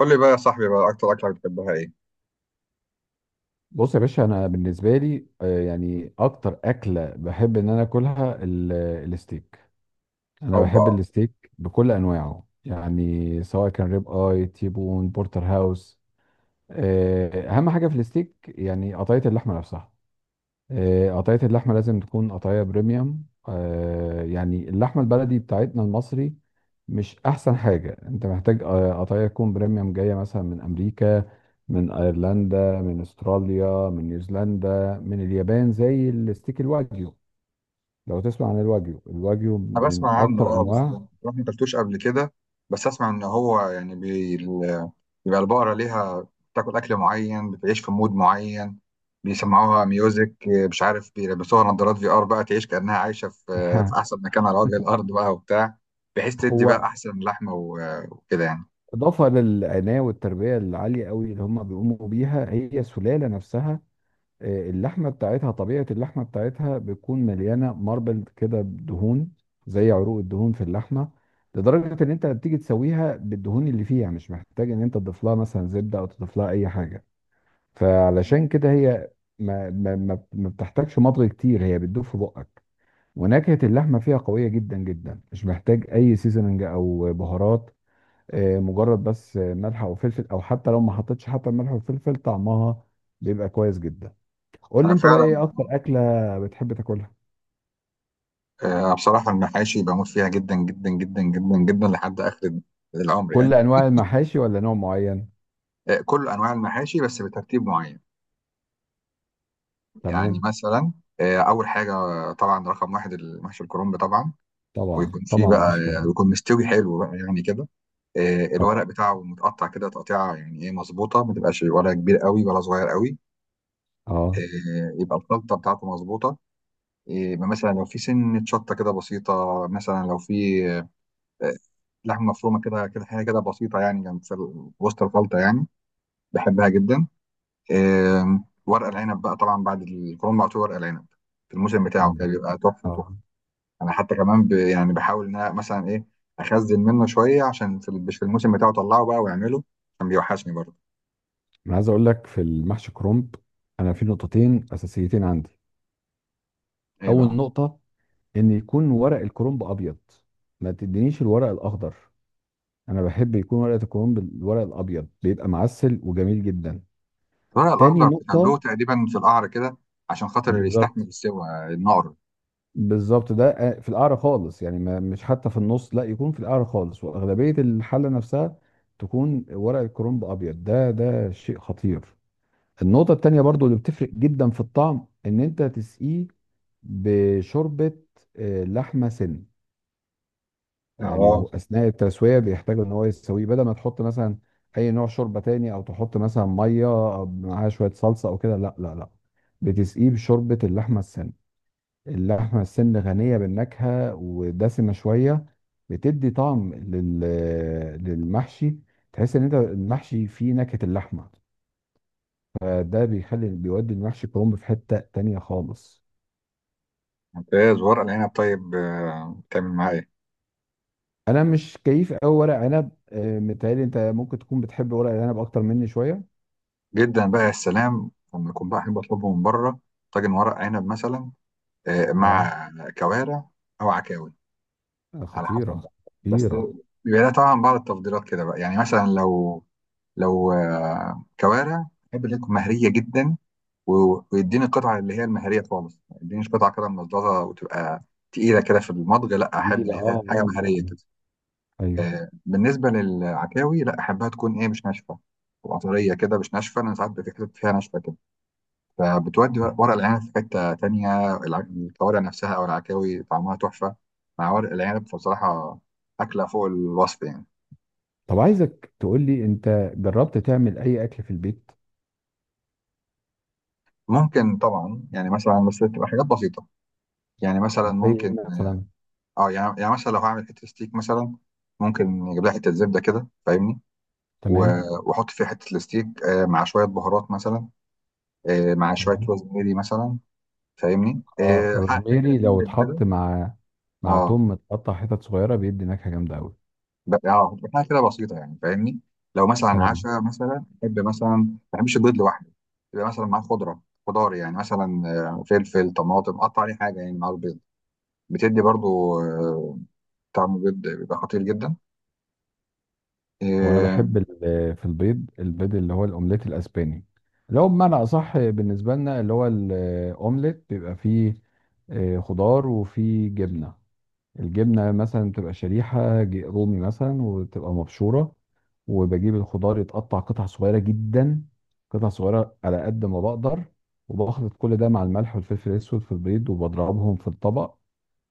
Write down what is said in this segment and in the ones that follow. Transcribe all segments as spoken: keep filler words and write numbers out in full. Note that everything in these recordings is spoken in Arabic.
قول لي بقى يا صاحبي بقى، اكتر اكله بتحبها ايه؟ بص يا باشا، انا بالنسبه لي آه، يعني اكتر اكله بحب ان انا اكلها ال- الستيك. انا اوبا. بحب الستيك بكل انواعه، يعني سواء كان ريب اي، تيبون، بورتر هاوس. آه، اهم حاجه في الستيك يعني قطعيه اللحمه نفسها. آه، قطعية اللحمة لازم تكون قطعية بريميوم. آه، يعني اللحمة البلدي بتاعتنا المصري مش أحسن حاجة أنت محتاج. آه، قطعية تكون بريميوم جاية مثلا من أمريكا، من أيرلندا، من أستراليا، من نيوزيلندا، من اليابان، زي الستيك الواجيو. لو تسمع عن الواجيو، الواجيو انا من بسمع عنه أكتر اه بس أنواع. بصراحه ما اكلتوش قبل كده. بس اسمع ان هو يعني بي... ال- بيبقى البقره ليها، بتاكل اكل معين، بتعيش في مود معين، بيسمعوها ميوزك، مش عارف بيلبسوها نظارات في ار بقى، تعيش كانها عايشه في في احسن مكان على وجه الارض بقى وبتاع، بحيث تدي بقى هو احسن لحمه و- وكده يعني. إضافة للعناية والتربية العالية قوي اللي هم بيقوموا بيها هي السلالة نفسها. آه، اللحمه بتاعتها، طبيعه اللحمه بتاعتها بتكون مليانه ماربل كده دهون زي عروق الدهون في اللحمه. لدرجه ان انت بتيجي تسويها بالدهون اللي فيها، مش محتاج ان انت تضيف لها مثلا زبده او تضيف لها اي حاجه. فعلشان كده هي ما ما ما ما بتحتاجش مضغ كتير، هي بتدوب في بقك. ونكهه اللحمه فيها قويه جدا جدا، مش محتاج اي سيزننج او بهارات. آه، مجرد بس آه، ملح او فلفل، او حتى لو ما حطيتش حتى الملح والفلفل، طعمها بيبقى كويس جدا. قول لي انا انت بقى فعلا. ايه اكتر اكله بتحب تاكلها؟ آه، بصراحه المحاشي بموت فيها جدا جدا جدا جدا جدا لحد اخر العمر كل يعني. انواع المحاشي ولا نوع معين؟ آه، كل انواع المحاشي بس بترتيب معين. يعني تمام. مثلا، آه، اول حاجه طبعا رقم واحد المحشي الكرنب طبعا. طبعا ويكون فيه طبعا، بقى، مفيش كلام. يكون مستوي حلو بقى يعني كده. آه، الورق اه، بتاعه متقطع كده، تقطيعه يعني ايه مظبوطه، ما تبقاش ولا كبير قوي ولا صغير قوي. اه، آه، يبقى الخلطه بتاعته مظبوطه. آه، مثلا لو في سنه شطه كده بسيطه، مثلا لو في آه، لحمه مفرومه كده كده حاجه كده بسيطه يعني جنب في ال- وسط الخلطه يعني. بحبها جدا. آم، ورق العنب بقى طبعا بعد الكورونا على طول ورق العنب في الموسم بتاعه طبعا كده ده حق. بيبقى تحفه تحفه. اه. انا حتى كمان ب... يعني بحاول ان انا مثلا ايه اخزن منه شويه عشان في, ال- في الموسم بتاعه اطلعه بقى واعمله عشان بيوحشني برضه. انا عايز اقول لك في المحشي كرنب انا في نقطتين اساسيتين عندي. ايه اول بقى؟ نقطه، ان يكون ورق الكرنب ابيض، ما تدينيش الورق الاخضر. انا بحب يكون ورقه الكرنب الورق الابيض بيبقى معسل وجميل جدا. الورق تاني الاخضر بيخلوه نقطه. تقريبا في القعر كده عشان خاطر يستحمل بالظبط. السوى، النار. بالظبط، ده آه، في القعر خالص، يعني ما مش حتى في النص، لا، يكون في القعر خالص واغلبيه الحله نفسها تكون ورق الكرنب ابيض، ده ده شيء خطير. النقطه التانيه برضو اللي بتفرق جدا في الطعم، ان انت تسقيه بشوربه آه، لحمه سن. يعني اه. هو اثناء التسويه بيحتاج ان هو يسويه، بدل ما تحط مثلا اي نوع شوربه تاني او تحط مثلا ميه معاها شويه صلصه او كده، لا لا لا، بتسقيه بشوربه اللحمه السن. اللحمة السن غنية بالنكهة ودسمة شوية، بتدي طعم لل... للمحشي. تحس ان انت المحشي فيه نكهة اللحمة، فده بيخلي بيودي المحشي كرنب في حتة تانية خالص. ممتاز. ورق العنب طيب، آه، بتعمل معاه ايه؟ انا مش كيف قوي ورق عنب، آه، متهيألي انت ممكن تكون بتحب ورق العنب اكتر مني شوية. جدا بقى، يا سلام لما يكون بقى، احب اطلبه من بره، طاجن ورق عنب مثلا آه، اه. مع كوارع او عكاوي، آه، على حسب خطيرة بقى. بس خطيرة. بيبقى لها طبعا بعض التفضيلات كده بقى، يعني مثلا لو لو آه، كوارع، احب اللي تكون مهريه جدا، و- ويديني القطعه اللي هي المهريه خالص، ما يدينيش قطعه كده ملظلظه وتبقى تقيله كده في المضغ. لا، احب ان تقيلة. هي اه، حاجه اه، آه. مهريه كده. ايوه. آه، بالنسبه للعكاوي، لا احبها تكون ايه، مش ناشفه، تبقى طريه كده مش ناشفه. انا ساعات بيبقى في حتت فيها ناشفه كده، فبتودي ورق العنب في حتة تانية. الع- الكوارع نفسها أو العكاوي طعمها تحفة مع ورق العنب، فبصراحة أكلة فوق الوصف يعني. طب عايزك تقول لي انت جربت تعمل اي اكل في البيت؟ ممكن طبعا، يعني مثلا بس تبقى حاجات بسيطة. يعني مثلا زي ايه ممكن، مثلا؟ اه يعني يعني مثلا لو هعمل حتة ستيك مثلا، ممكن يجيب لها حتة زبدة كده، فاهمني؟ و- تمام. وأحط فيها حتة الستيك آه، مع شوية بهارات مثلا، آه، مع شوية تمام. روزماري مثلا، فاهمني؟ اه، آه، حاجة كده روزميري لو تنبل كده. اتحط مع مع اه توم متقطع حتت صغيره بيدي نكهه جامده قوي. ب- اه بتاع كده بسيطه يعني فاهمني. لو مثلا تمام. عشاء مثلا، احب مثلا، ما بحبش البيض لوحده، يبقى مثلا معاه خضره، خضار يعني مثلا، آه، فلفل طماطم، قطع عليه حاجه يعني مع البيض، بتدي برضو آه، طعم البيض بيبقى خطير جدا. وانا اه. بحب ال- في البيض، البيض اللي هو الاومليت الاسباني، اللي هو بمعنى اصح بالنسبه لنا اللي هو الاومليت، بيبقى فيه آه، خضار وفيه جبنه. الجبنه مثلا بتبقى شريحه ج- رومي مثلا وتبقى مبشوره. وبجيب الخضار يتقطع قطع صغيره جدا، قطع صغيره على قد ما بقدر. وبخلط كل ده مع الملح والفلفل الاسود في البيض وبضربهم في الطبق.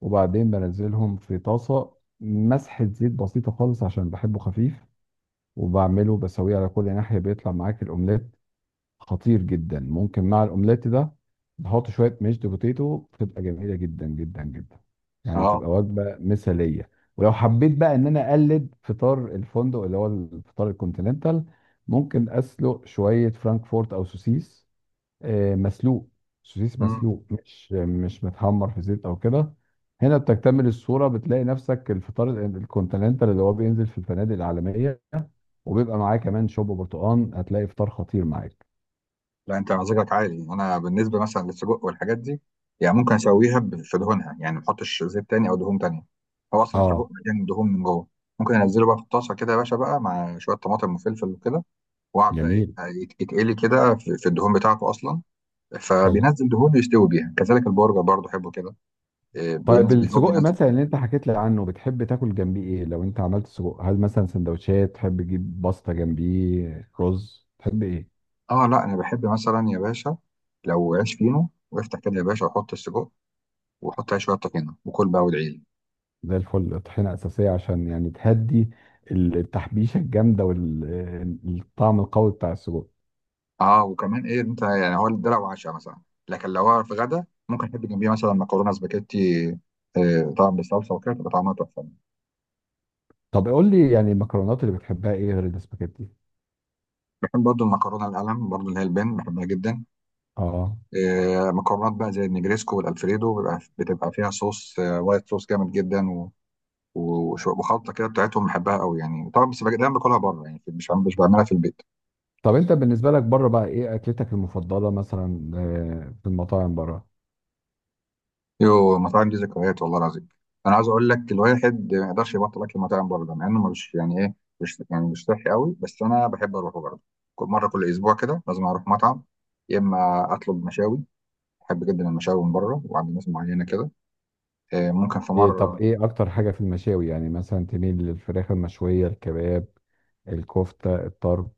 وبعدين بنزلهم في طاسة، مسحة زيت بسيطة خالص عشان بحبه خفيف. وبعمله بسويه على كل ناحية، بيطلع معاك الأومليت خطير جدا. ممكن مع الأومليت ده نحط شوية ميشد بوتيتو، بتبقى جميلة جدا جدا جدا، يعني آه، تبقى وجبة مثالية. ولو حبيت بقى إن أنا أقلد فطار الفندق اللي هو الفطار الكونتيننتال، ممكن أسلق شوية فرانكفورت أو سوسيس، آه، مسلوق. سوسيس مم. مسلوق، مش مش متحمر في زيت او كده. هنا بتكتمل الصوره، بتلاقي نفسك الفطار ال- الكونتيننتال اللي هو بينزل في الفنادق العالميه وبيبقى معاه كمان شوب برتقال، هتلاقي فطار خطير معاك. لا، انت مزاجك عالي. انا بالنسبه مثلا للسجق والحاجات دي، يعني ممكن اسويها ب- في دهونها، يعني ما احطش زيت تاني او دهون تانيه. هو اصلا اه. السجق مليان دهون من جوه. ممكن انزله بقى في الطاسه كده يا باشا بقى مع شويه طماطم وفلفل وكده، وقع بقى ايه، جميل. هيت- يتقلي كده في في الدهون بتاعته اصلا، حلو. فبينزل دهون يستوي بيها. كذلك البرجر برضه احبه كده. إيه، طيب بينزل، هو السجق بينزل مثلا اللي انت حكيت لي عنه، بتحب تاكل جنبيه ايه؟ لو انت عملت سجق، هل مثلا سندوتشات تحب تجيب، باستا جنبيه، رز، تحب ايه؟ اه لا، انا بحب مثلا يا باشا لو عيش فينو وافتح كده يا باشا وحط السجق، وحط عليه شويه طحينه وكل بقى وادعيلي. زي الفل. طحينة أساسية عشان يعني تهدي التحبيشة الجامدة والطعم القوي بتاع السجق. اه وكمان ايه انت، يعني هو ده لو عشاء مثلا. لكن لو هو في غدا، ممكن احب جنبيه مثلا مكرونه سباكيتي، آه، طبعا بالصلصه وكده تبقى طعمها تحفه. طب قول لي يعني المكرونات اللي بتحبها إيه غير الاسباجيتي؟ بحب برضه المكرونه القلم برضه اللي هي البن، بحبها جدا. اه. آه، مكرونات بقى زي النجريسكو والالفريدو بيبقى بتبقى فيها صوص، آه، وايت صوص جامد جدا، و- و- وش- وخلطه كده بتاعتهم بحبها قوي يعني. طبعا بس بج- دايما باكلها بره يعني، مش عم- مش بعملها في البيت. طب أنت بالنسبة لك بره بقى إيه أكلتك المفضلة مثلا، آه، في المطاعم بره؟ يو، المطاعم دي ذكريات والله العظيم. انا عايز اقول لك، الواحد ما يقدرش يبطل اكل المطاعم بره، ده مع انه مش يعني ايه، مش يعني، مش صحي قوي، بس انا بحب اروحه برضه. كل مره كل اسبوع كده لازم اروح مطعم، يا اما اطلب مشاوي. بحب جدا المشاوي من بره وعند ناس معينه كده. آه، ممكن في إيه. طب مره، إيه أكتر حاجة في المشاوي؟ يعني مثلا تميل للفراخ المشوية، الكباب، الكفتة، الطرب؟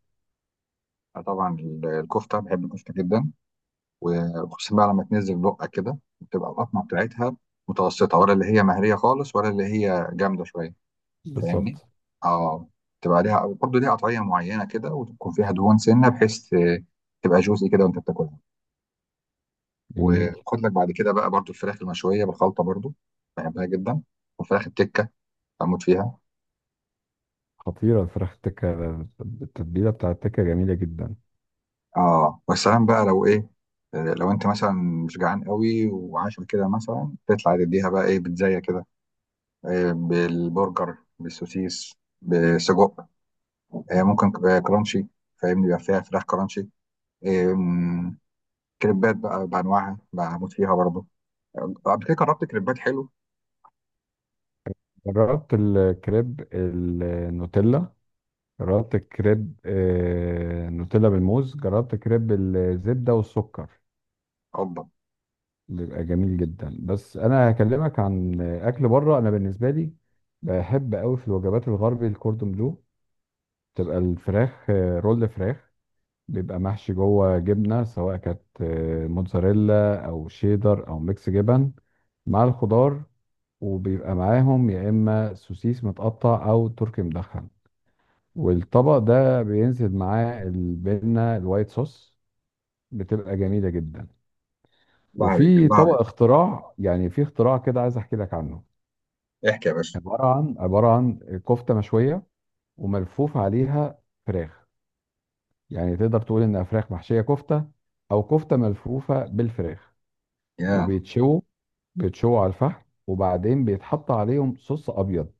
آه، طبعا ال- الكفته، بحب الكفته جدا، وخصوصا بقى لما تنزل لقة كده بتبقى القطمة بتاعتها متوسطة، ولا اللي هي مهرية خالص، ولا اللي هي جامدة شوية. فاهمني؟ بالظبط. اه. تبقى ليها برضه ليها قطعية معينة كده، وتكون فيها دهون سنة بحيث آه، تبقى جوسي كده وانت بتاكلها. جميل. وخد لك بعد كده بقى برضه الفراخ المشوية بالخلطة برضه، بحبها جدا. وفراخ التكة بموت فيها. خطيرة الفراخ التكة، التتبيلة بتاع التكة جميلة جدا. اه والسلام بقى لو ايه، آه، لو انت مثلا مش جعان قوي، وعشان كده مثلا تطلع تديها بقى ايه بتزايا كده، آه، بالبرجر، بالسوسيس، بسجق، آه، ممكن ك- آه، كرانشي، فاهمني؟ بيبقى فيها فراخ كرانشي. آم، كريبات بقى بانواعها بموت فيها برضه. آه، قبل كده جربت كريبات حلو. جربت الكريب النوتيلا؟ جربت الكريب آه، نوتيلا بالموز؟ جربت كريب الزبدة والسكر؟ الله! بيبقى جميل جدا. بس انا هكلمك عن اكل بره. انا بالنسبة لي، بحب قوي في الوجبات الغربي الكوردون بلو، تبقى الفراخ، آه، رول فراخ بيبقى محشي جوه جبنة، سواء كانت آه، موتزاريلا او شيدر او ميكس جبن، مع الخضار. وبيبقى معاهم يا اما سوسيس متقطع او تركي مدخن، والطبق ده بينزل معاه البنة الوايت صوص، بتبقى جميلة جدا. الله عليك، وفي الله طبق عليك. اختراع، يعني في اختراع كده عايز احكي لك عنه. احكي يا باشا. عبارة عن عبارة عن كفتة مشوية وملفوف عليها فراخ، يعني تقدر تقول انها فراخ محشية كفتة او كفتة ملفوفة بالفراخ. يا. وبيتشووا بيتشووا على الفحم، وبعدين بيتحط عليهم صوص ابيض.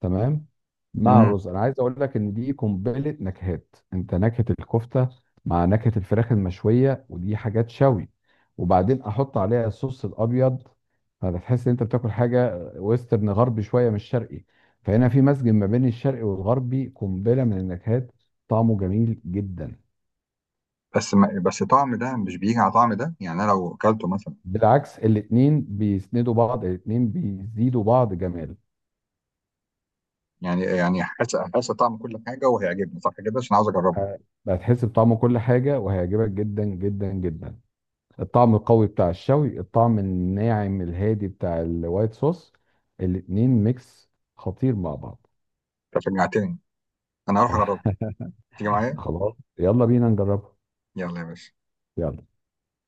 تمام. مع امم. الرز، انا عايز اقول لك ان دي قنبله نكهات. انت نكهه الكفته مع نكهه الفراخ المشويه، ودي حاجات شوي. وبعدين احط عليها الصوص الابيض، فتحس ان انت بتاكل حاجه ويسترن غربي شويه، مش شرقي. فهنا في مزج ما بين الشرقي والغربي، قنبله من النكهات، طعمه جميل جدا. بس ما بس طعم ده مش بيجي على طعم ده، يعني انا لو اكلته مثلا، بالعكس، الاتنين بيسندوا بعض، الاتنين بيزيدوا بعض جمال. يعني يعني حاسس حاسس طعم كل حاجه، وهيعجبني صح كده، عشان عاوز اجربه. ه- هتحس بطعم كل حاجه وهيعجبك جدا جدا جدا. الطعم القوي بتاع الشوي، الطعم الناعم الهادي بتاع الوايت صوص، الاتنين ميكس خطير مع بعض. انت شجعتني. انا هروح اجربه. تيجي معايا؟ خلاص يلا بينا نجربها. يلا يا باشا. يلا.